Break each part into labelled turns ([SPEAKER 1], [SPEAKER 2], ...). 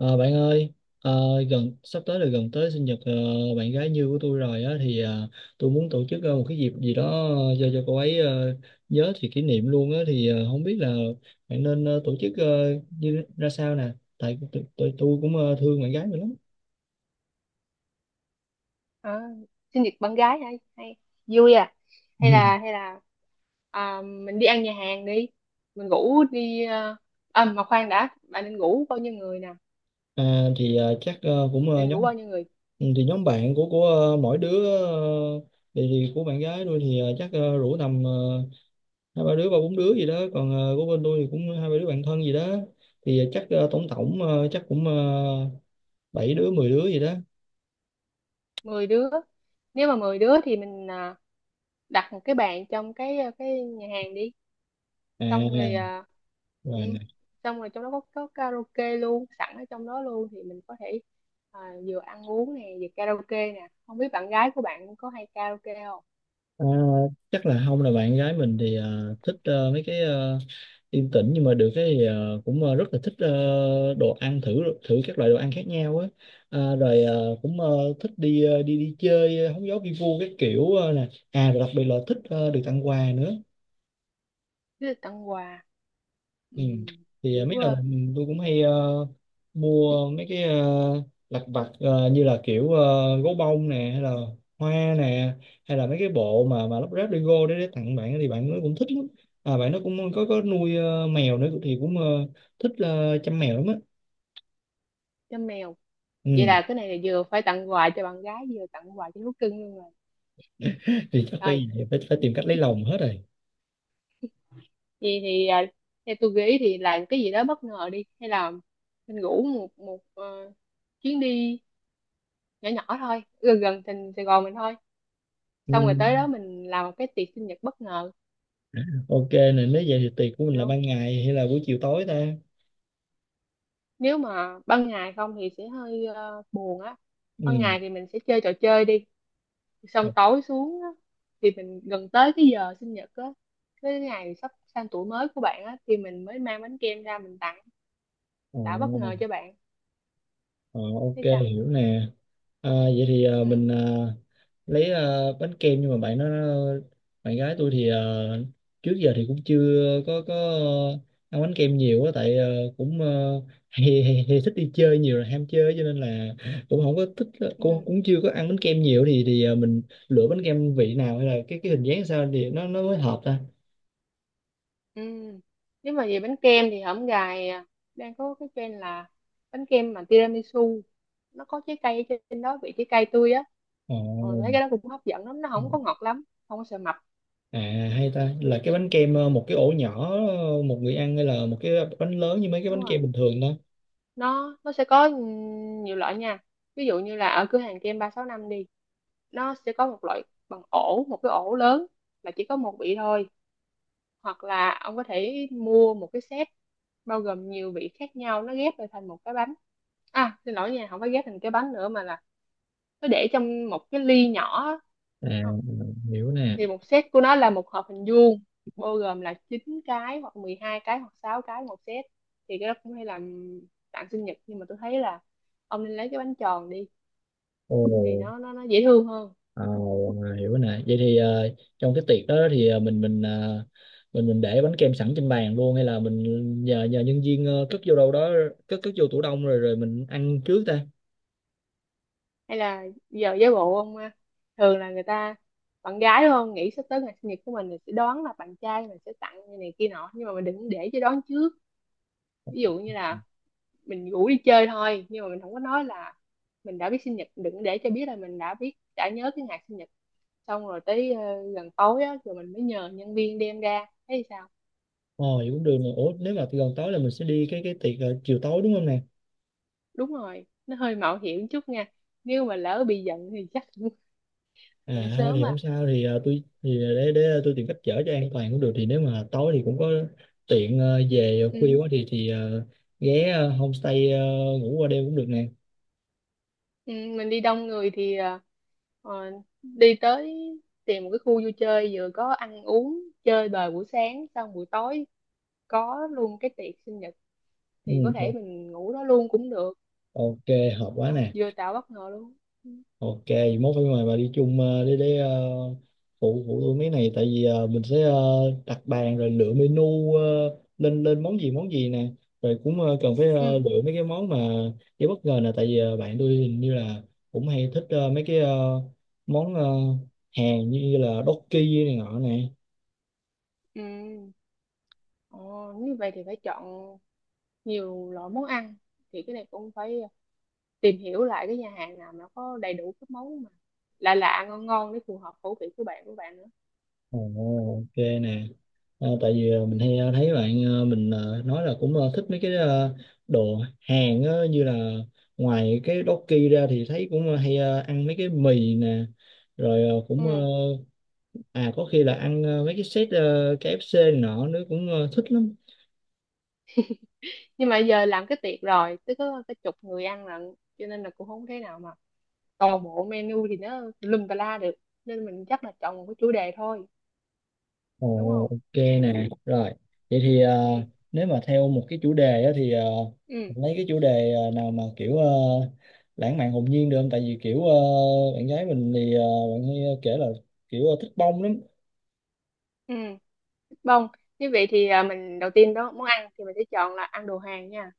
[SPEAKER 1] Ờ, bạn ơi, ờ, gần sắp tới là gần tới sinh nhật bạn gái như của tôi rồi á thì tôi muốn tổ chức một cái dịp gì đó cho cô ấy nhớ thì kỷ niệm luôn á thì không biết là bạn nên tổ chức như ra sao nè, tại tôi cũng thương bạn gái mình lắm.
[SPEAKER 2] À, sinh nhật bạn gái hay hay vui à? hay là hay là à, mình đi ăn nhà hàng đi. Mình ngủ đi à, à mà khoan đã, bạn nên ngủ bao nhiêu người nè?
[SPEAKER 1] À, thì chắc cũng
[SPEAKER 2] Định
[SPEAKER 1] nhóm
[SPEAKER 2] ngủ bao nhiêu người?
[SPEAKER 1] ừ, thì nhóm bạn của mỗi đứa thì của bạn gái tôi thì chắc rủ tầm hai ba đứa ba bốn đứa gì đó còn của bên tôi thì cũng hai ba đứa bạn thân gì đó thì chắc tổng tổng chắc cũng bảy đứa mười đứa gì đó.
[SPEAKER 2] 10 đứa. Nếu mà 10 đứa thì mình à, đặt một cái bàn trong cái nhà hàng đi. Xong rồi
[SPEAKER 1] À,
[SPEAKER 2] à,
[SPEAKER 1] rồi
[SPEAKER 2] ừ,
[SPEAKER 1] nè.
[SPEAKER 2] xong rồi trong đó có karaoke luôn sẵn ở trong đó luôn, thì mình có thể à, vừa ăn uống nè vừa karaoke nè. Không biết bạn gái của bạn có hay karaoke không?
[SPEAKER 1] À, chắc là không, là bạn gái mình thì thích mấy cái yên tĩnh, nhưng mà được cái thì cũng rất là thích đồ ăn thử thử các loại đồ ăn khác nhau á. À, rồi cũng thích đi đi đi chơi hóng gió vi vu các kiểu nè. À rồi đặc biệt là thích được tặng quà nữa.
[SPEAKER 2] Thế là tặng quà. Ừ,
[SPEAKER 1] Ừ. Thì
[SPEAKER 2] kiểu
[SPEAKER 1] mấy lần
[SPEAKER 2] vừa
[SPEAKER 1] tôi cũng hay mua mấy cái lặt vặt như là kiểu gấu bông nè, hay là hoa nè, hay là mấy cái bộ mà lắp ráp Lego để tặng bạn thì bạn nó cũng thích lắm. À, bạn nó cũng có nuôi mèo nữa thì cũng thích chăm mèo lắm á.
[SPEAKER 2] cho mèo. Vậy
[SPEAKER 1] Ừ.
[SPEAKER 2] là cái này là vừa phải tặng quà cho bạn gái vừa tặng quà cho thú cưng luôn rồi.
[SPEAKER 1] Thì chắc
[SPEAKER 2] Rồi
[SPEAKER 1] bây giờ phải, phải tìm cách lấy lòng hết rồi.
[SPEAKER 2] vậy thì à, theo tôi nghĩ thì làm cái gì đó bất ngờ đi, hay là mình ngủ một một chuyến đi nhỏ nhỏ thôi, gần gần thành Sài Gòn mình thôi.
[SPEAKER 1] Ừ.
[SPEAKER 2] Xong rồi tới đó mình làm một cái tiệc sinh nhật bất ngờ,
[SPEAKER 1] Ok nè, nếu vậy thì tiệc của mình là
[SPEAKER 2] được không?
[SPEAKER 1] ban ngày hay là buổi chiều tối ta?
[SPEAKER 2] Nếu mà ban ngày không thì sẽ hơi buồn á. Ban
[SPEAKER 1] Ừ.
[SPEAKER 2] ngày thì mình sẽ chơi trò chơi đi,
[SPEAKER 1] Ờ,
[SPEAKER 2] xong tối xuống á, thì mình gần tới cái giờ sinh nhật á, cái ngày sắp sang tuổi mới của bạn á, thì mình mới mang bánh kem ra mình tặng,
[SPEAKER 1] ờ,
[SPEAKER 2] đã bất ngờ cho bạn.
[SPEAKER 1] ờ, ok,
[SPEAKER 2] Thế sao?
[SPEAKER 1] hiểu nè. À, vậy thì
[SPEAKER 2] Ừ.
[SPEAKER 1] lấy bánh kem, nhưng mà bạn gái tôi thì trước giờ thì cũng chưa có ăn bánh kem nhiều á, tại cũng hay thích đi chơi nhiều, là ham chơi cho nên là cũng không có thích, cũng
[SPEAKER 2] Ừ.
[SPEAKER 1] cũng chưa có ăn bánh kem nhiều thì mình lựa bánh kem vị nào hay là cái hình dáng sao thì nó mới hợp ta.
[SPEAKER 2] Ừ. Nếu mà về bánh kem thì hổm gài à, đang có cái trend là bánh kem mà tiramisu, nó có trái cây ở trên đó, vị trái cây tươi á. Ờ,
[SPEAKER 1] Ồ.
[SPEAKER 2] thấy cái đó cũng hấp dẫn lắm, nó không có ngọt lắm, không có sợ mập.
[SPEAKER 1] À,
[SPEAKER 2] Ừ.
[SPEAKER 1] hay ta là cái bánh kem
[SPEAKER 2] Ừ,
[SPEAKER 1] một cái ổ nhỏ một người ăn, hay là một cái bánh lớn như mấy cái
[SPEAKER 2] đúng
[SPEAKER 1] bánh
[SPEAKER 2] rồi.
[SPEAKER 1] kem bình thường đó.
[SPEAKER 2] Nó sẽ có nhiều loại nha. Ví dụ như là ở cửa hàng kem 365 đi, nó sẽ có một loại bằng ổ, một cái ổ lớn là chỉ có một vị thôi. Hoặc là ông có thể mua một cái set bao gồm nhiều vị khác nhau, nó ghép lại thành một cái bánh. À, xin lỗi nha, không phải ghép thành cái bánh nữa, mà là nó để trong một cái ly nhỏ á.
[SPEAKER 1] À,
[SPEAKER 2] Ờ,
[SPEAKER 1] hiểu nè.
[SPEAKER 2] thì một set của nó là một hộp hình vuông, bao gồm là 9 cái hoặc 12 cái hoặc 6 cái một set. Thì cái đó cũng hay làm tặng sinh nhật, nhưng mà tôi thấy là ông nên lấy cái bánh tròn đi, thì
[SPEAKER 1] Ồ,
[SPEAKER 2] nó dễ thương hơn.
[SPEAKER 1] à, hiểu nè. Vậy thì trong cái tiệc đó thì
[SPEAKER 2] Ừ.
[SPEAKER 1] mình mình để bánh kem sẵn trên bàn luôn hay là mình nhờ nhờ nhân viên cất vô đâu đó, cất cất vô tủ đông rồi rồi mình ăn trước ta.
[SPEAKER 2] Hay là giờ giả bộ ông à, thường là người ta, bạn gái đúng không, nghĩ sắp tới ngày sinh nhật của mình thì sẽ đoán là bạn trai mình sẽ tặng như này kia nọ, nhưng mà mình đừng để cho đoán trước. Ví dụ như là mình rủ đi chơi thôi, nhưng mà mình không có nói là mình đã biết sinh nhật, đừng để cho biết là mình đã biết, đã nhớ cái ngày sinh nhật. Xong rồi tới gần tối á, rồi mình mới nhờ nhân viên đem ra, thấy sao?
[SPEAKER 1] Ồ, vậy cũng được nè. Ủa, nếu mà gần tối là mình sẽ đi cái tiệc chiều tối đúng không nè?
[SPEAKER 2] Đúng rồi, nó hơi mạo hiểm chút nha. Nếu mà lỡ bị giận thì chắc cũng giận
[SPEAKER 1] À thôi thì
[SPEAKER 2] sớm
[SPEAKER 1] không
[SPEAKER 2] à.
[SPEAKER 1] sao, thì tôi thì để tôi tìm cách chở cho an toàn cũng được, thì nếu mà tối thì cũng có tiện về khuya
[SPEAKER 2] Ừ.
[SPEAKER 1] quá thì ghé homestay ngủ qua đêm cũng được nè.
[SPEAKER 2] Ừ, mình đi đông người thì ờ, đi tới, tìm một cái khu vui chơi vừa có ăn uống chơi bời buổi sáng, xong buổi tối có luôn cái tiệc sinh nhật,
[SPEAKER 1] Ừ,
[SPEAKER 2] thì có thể
[SPEAKER 1] o-
[SPEAKER 2] mình ngủ đó luôn cũng được.
[SPEAKER 1] ok, hợp quá
[SPEAKER 2] Ờ,
[SPEAKER 1] nè.
[SPEAKER 2] vừa tạo bất ngờ luôn.
[SPEAKER 1] Ok, vậy mốt phải mời bà đi chung để phụ phụ tôi mấy này, tại vì mình sẽ đặt bàn rồi lựa menu lên lên món gì nè. Rồi cũng cần phải
[SPEAKER 2] Ừ.
[SPEAKER 1] lựa mấy cái món mà cái bất ngờ nè, tại vì bạn tôi hình như là cũng hay thích mấy cái món Hàn như là Dokki này nọ nè.
[SPEAKER 2] Ừ. Ồ, nếu vậy thì phải chọn nhiều loại món ăn, thì cái này cũng phải tìm hiểu lại cái nhà hàng nào mà có đầy đủ các món mà lạ lạ ngon ngon để phù hợp khẩu vị của bạn nữa.
[SPEAKER 1] Ồ, ok nè. Ờ, tại vì mình
[SPEAKER 2] Ừ.
[SPEAKER 1] hay thấy bạn mình nói là cũng thích mấy cái đồ Hàn á, như là ngoài cái Doki ra thì thấy cũng hay ăn mấy cái mì nè, rồi cũng
[SPEAKER 2] Ừ.
[SPEAKER 1] à có khi là ăn mấy cái set KFC này nọ nữa cũng thích lắm.
[SPEAKER 2] Nhưng mà giờ làm cái tiệc rồi tới có cái chục người ăn lận, cho nên là cũng không thể nào mà toàn bộ menu thì nó lùm tà la được. Nên mình chắc là chọn một cái chủ đề thôi, đúng
[SPEAKER 1] Ồ,
[SPEAKER 2] không?
[SPEAKER 1] ok nè, rồi. Vậy thì
[SPEAKER 2] Ừ.
[SPEAKER 1] nếu mà theo một cái chủ đề á, thì
[SPEAKER 2] Ừ.
[SPEAKER 1] mình lấy cái chủ đề nào mà kiểu lãng mạn hồn nhiên được không? Tại vì kiểu bạn gái mình thì bạn hay kể là kiểu thích bông lắm.
[SPEAKER 2] Ừ. Bông, như vậy thì à, mình đầu tiên đó món ăn thì mình sẽ chọn là ăn đồ Hàn nha.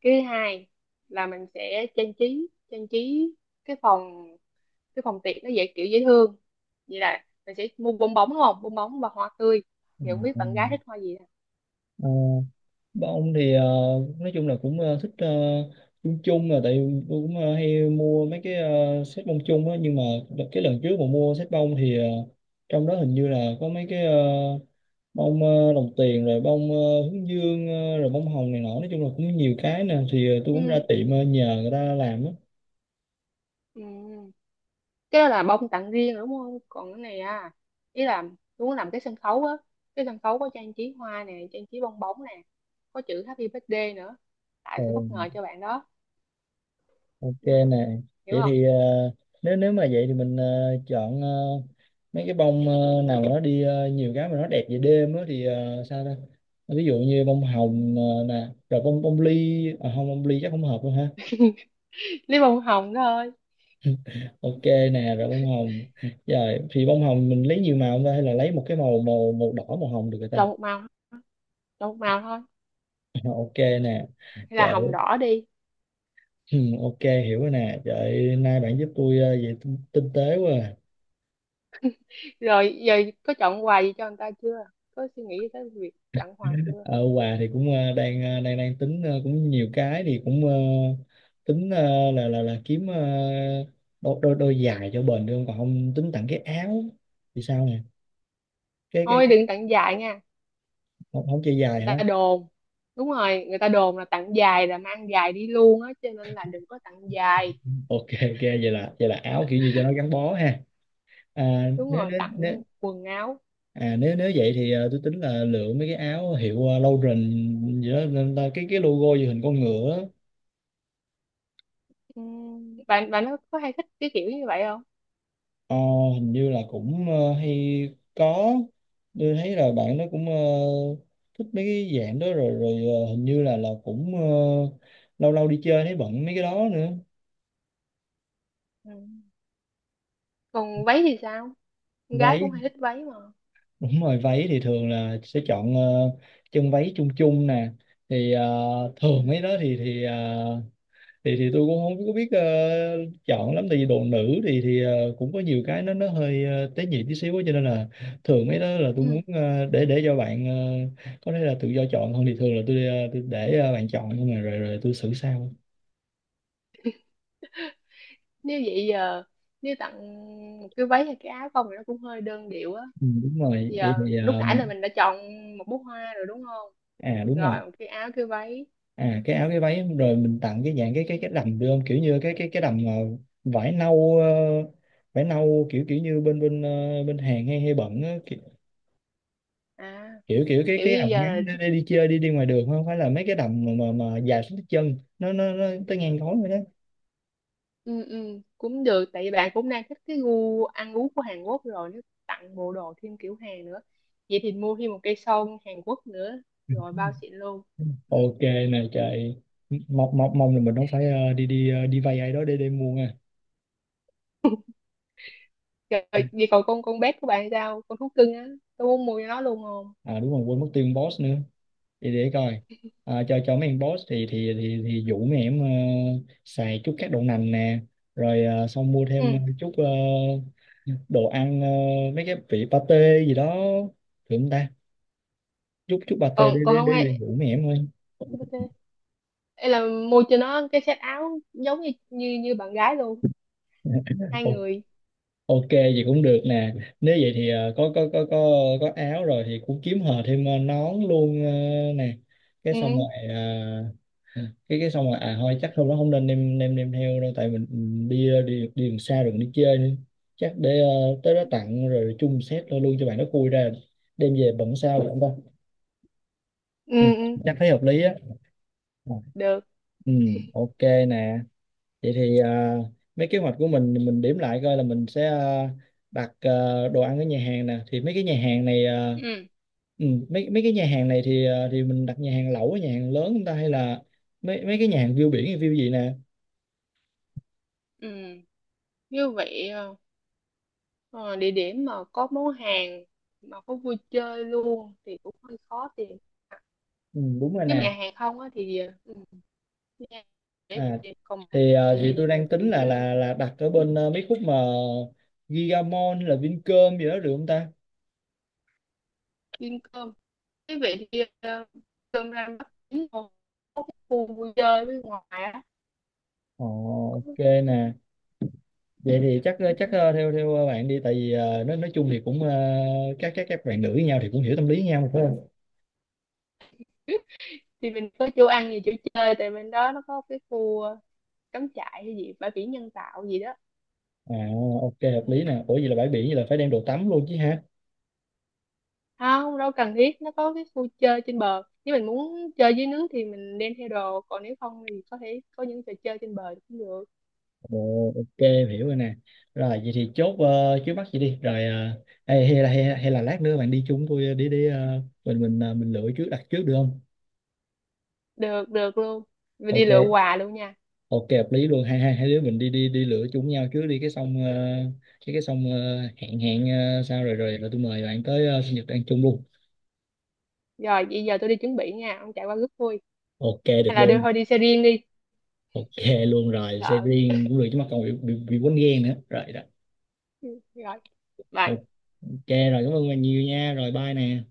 [SPEAKER 2] Cái thứ hai là mình sẽ trang trí cái phòng, cái phòng tiệc nó dễ, kiểu dễ thương. Vậy là mình sẽ mua bong bóng đúng không? Bong bóng và hoa tươi.
[SPEAKER 1] Ừ,
[SPEAKER 2] Thì không biết
[SPEAKER 1] ừ.
[SPEAKER 2] bạn gái thích hoa gì hả?
[SPEAKER 1] Ờ, bông thì nói chung là cũng thích chung chung, là tại vì tôi cũng hay mua mấy cái set bông chung á, nhưng mà cái lần trước mà mua set bông thì trong đó hình như là có mấy cái bông đồng tiền, rồi bông hướng dương rồi bông hồng này nọ, nói chung là cũng nhiều cái nè thì tôi cũng ra
[SPEAKER 2] Ừ.
[SPEAKER 1] tiệm nhờ người ta làm á.
[SPEAKER 2] Ừ. Cái đó là bông tặng riêng rồi đúng không? Còn cái này à, ý là muốn làm cái sân khấu á, cái sân khấu có trang trí hoa nè, trang trí bong bóng nè, có chữ Happy Birthday nữa. Tại sẽ bất ngờ
[SPEAKER 1] Ừ,
[SPEAKER 2] cho bạn đó,
[SPEAKER 1] ok
[SPEAKER 2] hiểu không?
[SPEAKER 1] nè.
[SPEAKER 2] Hiểu
[SPEAKER 1] Vậy
[SPEAKER 2] không?
[SPEAKER 1] thì nếu nếu mà vậy thì mình chọn mấy cái bông nào mà nó đi nhiều cái mà nó đẹp về đêm á thì sao ta, ví dụ như bông
[SPEAKER 2] Ừ.
[SPEAKER 1] hồng nè, rồi bông bông ly, à, không, bông ly chắc không hợp đâu ha.
[SPEAKER 2] Lấy bông hồng thôi.
[SPEAKER 1] Ok nè, rồi bông hồng, rồi thì bông hồng mình lấy nhiều màu không ta, hay là lấy một cái màu, màu đỏ màu hồng được rồi ta.
[SPEAKER 2] Chọn một màu, chọn một màu thôi.
[SPEAKER 1] Ok nè,
[SPEAKER 2] Hay là
[SPEAKER 1] trời.
[SPEAKER 2] hồng đỏ đi.
[SPEAKER 1] Ừ, ok, hiểu rồi nè, trời, nay bạn giúp tôi về tinh tế quá à.
[SPEAKER 2] Rồi giờ có chọn quà gì cho người ta chưa? Có suy nghĩ tới việc tặng quà chưa?
[SPEAKER 1] Ờ, quà thì cũng đang đang đang tính cũng nhiều cái thì cũng tính là kiếm đôi đôi đôi giày cho bền được không? Còn không tính tặng cái áo thì sao nè.
[SPEAKER 2] Thôi
[SPEAKER 1] Cái
[SPEAKER 2] đừng tặng dài nha.
[SPEAKER 1] không, không chơi dài
[SPEAKER 2] Người ta
[SPEAKER 1] hả.
[SPEAKER 2] đồn, đúng rồi, người ta đồn là tặng dài là mang dài đi luôn á, cho nên là đừng có tặng dài.
[SPEAKER 1] Ok, ok, vậy là áo kiểu như cho nó gắn bó ha. À,
[SPEAKER 2] Đúng
[SPEAKER 1] nếu
[SPEAKER 2] rồi,
[SPEAKER 1] nếu nếu
[SPEAKER 2] tặng quần áo.
[SPEAKER 1] À nếu nếu vậy thì tôi tính là lựa mấy cái áo hiệu Lauren gì đó, nên là cái logo gì hình con ngựa á.
[SPEAKER 2] Bạn bạn có hay thích cái kiểu như vậy không?
[SPEAKER 1] Ờ, hình như là cũng hay có, tôi thấy là bạn nó cũng thích mấy cái dạng đó, rồi rồi ờ, hình như là cũng lâu lâu đi chơi thấy bận mấy cái đó nữa.
[SPEAKER 2] Ừm. Còn váy thì sao? Con gái cũng
[SPEAKER 1] Váy,
[SPEAKER 2] hay thích váy mà.
[SPEAKER 1] đúng rồi, váy thì thường là sẽ chọn chân váy chung chung nè, thì thường mấy
[SPEAKER 2] Ừm.
[SPEAKER 1] đó thì tôi cũng không có biết chọn lắm, tại vì đồ nữ thì cũng có nhiều cái nó hơi tế nhị tí xíu á, cho nên là thường mấy đó là tôi muốn để cho bạn có thể là tự do chọn hơn, thì thường là tôi, tôi để bạn chọn nhưng mà rồi rồi tôi xử sau.
[SPEAKER 2] Nếu vậy giờ, nếu tặng một cái váy hay cái áo không thì nó cũng hơi đơn điệu á.
[SPEAKER 1] Ừ, đúng rồi, vậy
[SPEAKER 2] Giờ
[SPEAKER 1] thì
[SPEAKER 2] lúc nãy là
[SPEAKER 1] mình
[SPEAKER 2] mình đã chọn một bó hoa rồi đúng không?
[SPEAKER 1] à đúng rồi
[SPEAKER 2] Rồi một cái áo, cái váy.
[SPEAKER 1] à cái áo cái váy rồi mình tặng cái dạng cái đầm được không, kiểu như cái đầm vải nâu, vải nâu kiểu kiểu như bên bên bên Hàn hay hay bận á,
[SPEAKER 2] À
[SPEAKER 1] kiểu kiểu cái
[SPEAKER 2] kiểu
[SPEAKER 1] cái
[SPEAKER 2] như
[SPEAKER 1] đầm
[SPEAKER 2] giờ là
[SPEAKER 1] ngắn
[SPEAKER 2] thích.
[SPEAKER 1] để đi chơi đi đi ngoài đường, không phải là mấy cái đầm mà mà dài xuống tới chân, nó nó tới ngang gối rồi đó.
[SPEAKER 2] Ừ, ừ, cũng được, tại vì bạn cũng đang thích cái gu ăn uống của Hàn Quốc rồi, nếu tặng bộ đồ thêm kiểu Hàn nữa, vậy thì mua thêm một cây son Hàn Quốc nữa, rồi bao xịn luôn.
[SPEAKER 1] Ok này trời, mong mong mong là mình không phải đi đi ờ, đi vay ai đó để mua nha.
[SPEAKER 2] Trời, vậy còn con bé của bạn sao, con thú cưng á, tôi muốn mua cho nó luôn không?
[SPEAKER 1] À đúng rồi, quên mất tiền boss nữa, để coi. À, cho mấy em boss thì thì dụ mấy em xài chút các đậu nành nè, rồi xong mua
[SPEAKER 2] Ừ.
[SPEAKER 1] thêm chút đồ ăn mấy cái vị pate gì đó thử không ta, chút chút pate để
[SPEAKER 2] còn
[SPEAKER 1] để
[SPEAKER 2] còn không
[SPEAKER 1] để, để
[SPEAKER 2] hay
[SPEAKER 1] dụ mấy em thôi.
[SPEAKER 2] BT. Ê, là mua cho nó cái set áo giống như như, như bạn gái luôn, hai
[SPEAKER 1] Ok.
[SPEAKER 2] người.
[SPEAKER 1] Ok vậy cũng được nè. Nếu vậy thì có có áo rồi thì cũng kiếm hờ thêm nón luôn nè. Cái xong rồi
[SPEAKER 2] Ừ.
[SPEAKER 1] ờ, cái xong rồi, à thôi chắc hôm đó không nên đem đem đem theo đâu, tại mình đi đi đi đường xa đường đi chơi nữa. Chắc để tới đó tặng rồi chung set luôn luôn cho bạn nó khui ra đem về bận sao được không ta? Ừ,
[SPEAKER 2] Ừ.
[SPEAKER 1] chắc
[SPEAKER 2] Ừ.
[SPEAKER 1] thấy hợp lý á.
[SPEAKER 2] Được.
[SPEAKER 1] Ừ, ok nè. Vậy thì mấy kế hoạch của mình điểm lại coi là mình sẽ đặt đồ ăn ở nhà hàng nè, thì mấy cái nhà hàng này
[SPEAKER 2] Ừ,
[SPEAKER 1] mấy mấy cái nhà hàng này thì thì mình đặt nhà hàng lẩu, nhà hàng lớn chúng ta hay là mấy mấy cái nhà hàng view biển hay view gì nè.
[SPEAKER 2] ừ. Như vậy ờ, địa điểm mà có món hàng mà có vui chơi luôn thì cũng hơi khó tìm.
[SPEAKER 1] Ừ, đúng rồi
[SPEAKER 2] Nếu mà
[SPEAKER 1] nè.
[SPEAKER 2] nhà hàng không á thì nhà- để
[SPEAKER 1] À,
[SPEAKER 2] để còn
[SPEAKER 1] thì thì
[SPEAKER 2] gì,
[SPEAKER 1] tôi đang tính
[SPEAKER 2] gì
[SPEAKER 1] là
[SPEAKER 2] chơi,
[SPEAKER 1] là đặt ở bên mấy khúc mà Gigamon là Vincom gì đó được không ta.
[SPEAKER 2] ăn cơm. Như vậy thì cơm ra bắt chín một khu vui chơi bên ngoài á.
[SPEAKER 1] Ồ, ok nè, vậy thì chắc chắc theo theo bạn đi, tại vì nói chung thì cũng các bạn nữ với nhau thì cũng hiểu tâm lý với nhau mà, phải không.
[SPEAKER 2] Thì mình có chỗ ăn gì, chỗ chơi, tại bên đó nó có cái khu cắm trại hay gì, bãi biển nhân tạo gì đó.
[SPEAKER 1] À ok hợp
[SPEAKER 2] Ừ.
[SPEAKER 1] lý nè, ủa vậy là bãi biển, vậy là phải đem đồ tắm luôn chứ ha.
[SPEAKER 2] Không đâu cần thiết, nó có cái khu chơi trên bờ, nếu mình muốn chơi dưới nước thì mình đem theo đồ, còn nếu không thì có thể có những trò chơi trên bờ cũng được.
[SPEAKER 1] Ồ, ok em hiểu rồi nè. Rồi vậy thì chốt trước mắt vậy đi, rồi hay là lát nữa bạn đi chung tôi đi đi ờ, mình mình lựa trước, đặt trước được không.
[SPEAKER 2] Được, được luôn, mình đi lựa
[SPEAKER 1] Ok,
[SPEAKER 2] quà luôn nha.
[SPEAKER 1] ok hợp lý luôn, hai hai hai đứa mình đi đi đi lựa chung nhau trước đi, cái xong cái xong hẹn hẹn sao rồi rồi là tôi mời bạn tới sinh nhật ăn chung luôn.
[SPEAKER 2] Rồi bây giờ tôi đi chuẩn bị nha, ông chạy qua rước vui,
[SPEAKER 1] Ok được
[SPEAKER 2] hay là đưa
[SPEAKER 1] luôn.
[SPEAKER 2] thôi đi xe riêng đi.
[SPEAKER 1] Ok luôn rồi, xe
[SPEAKER 2] Sợ.
[SPEAKER 1] riêng cũng được chứ, mà còn bị bị quýnh ghen nữa rồi đó.
[SPEAKER 2] Ừ, rồi bye.
[SPEAKER 1] Ok rồi, cảm ơn bạn nhiều nha, rồi bye nè.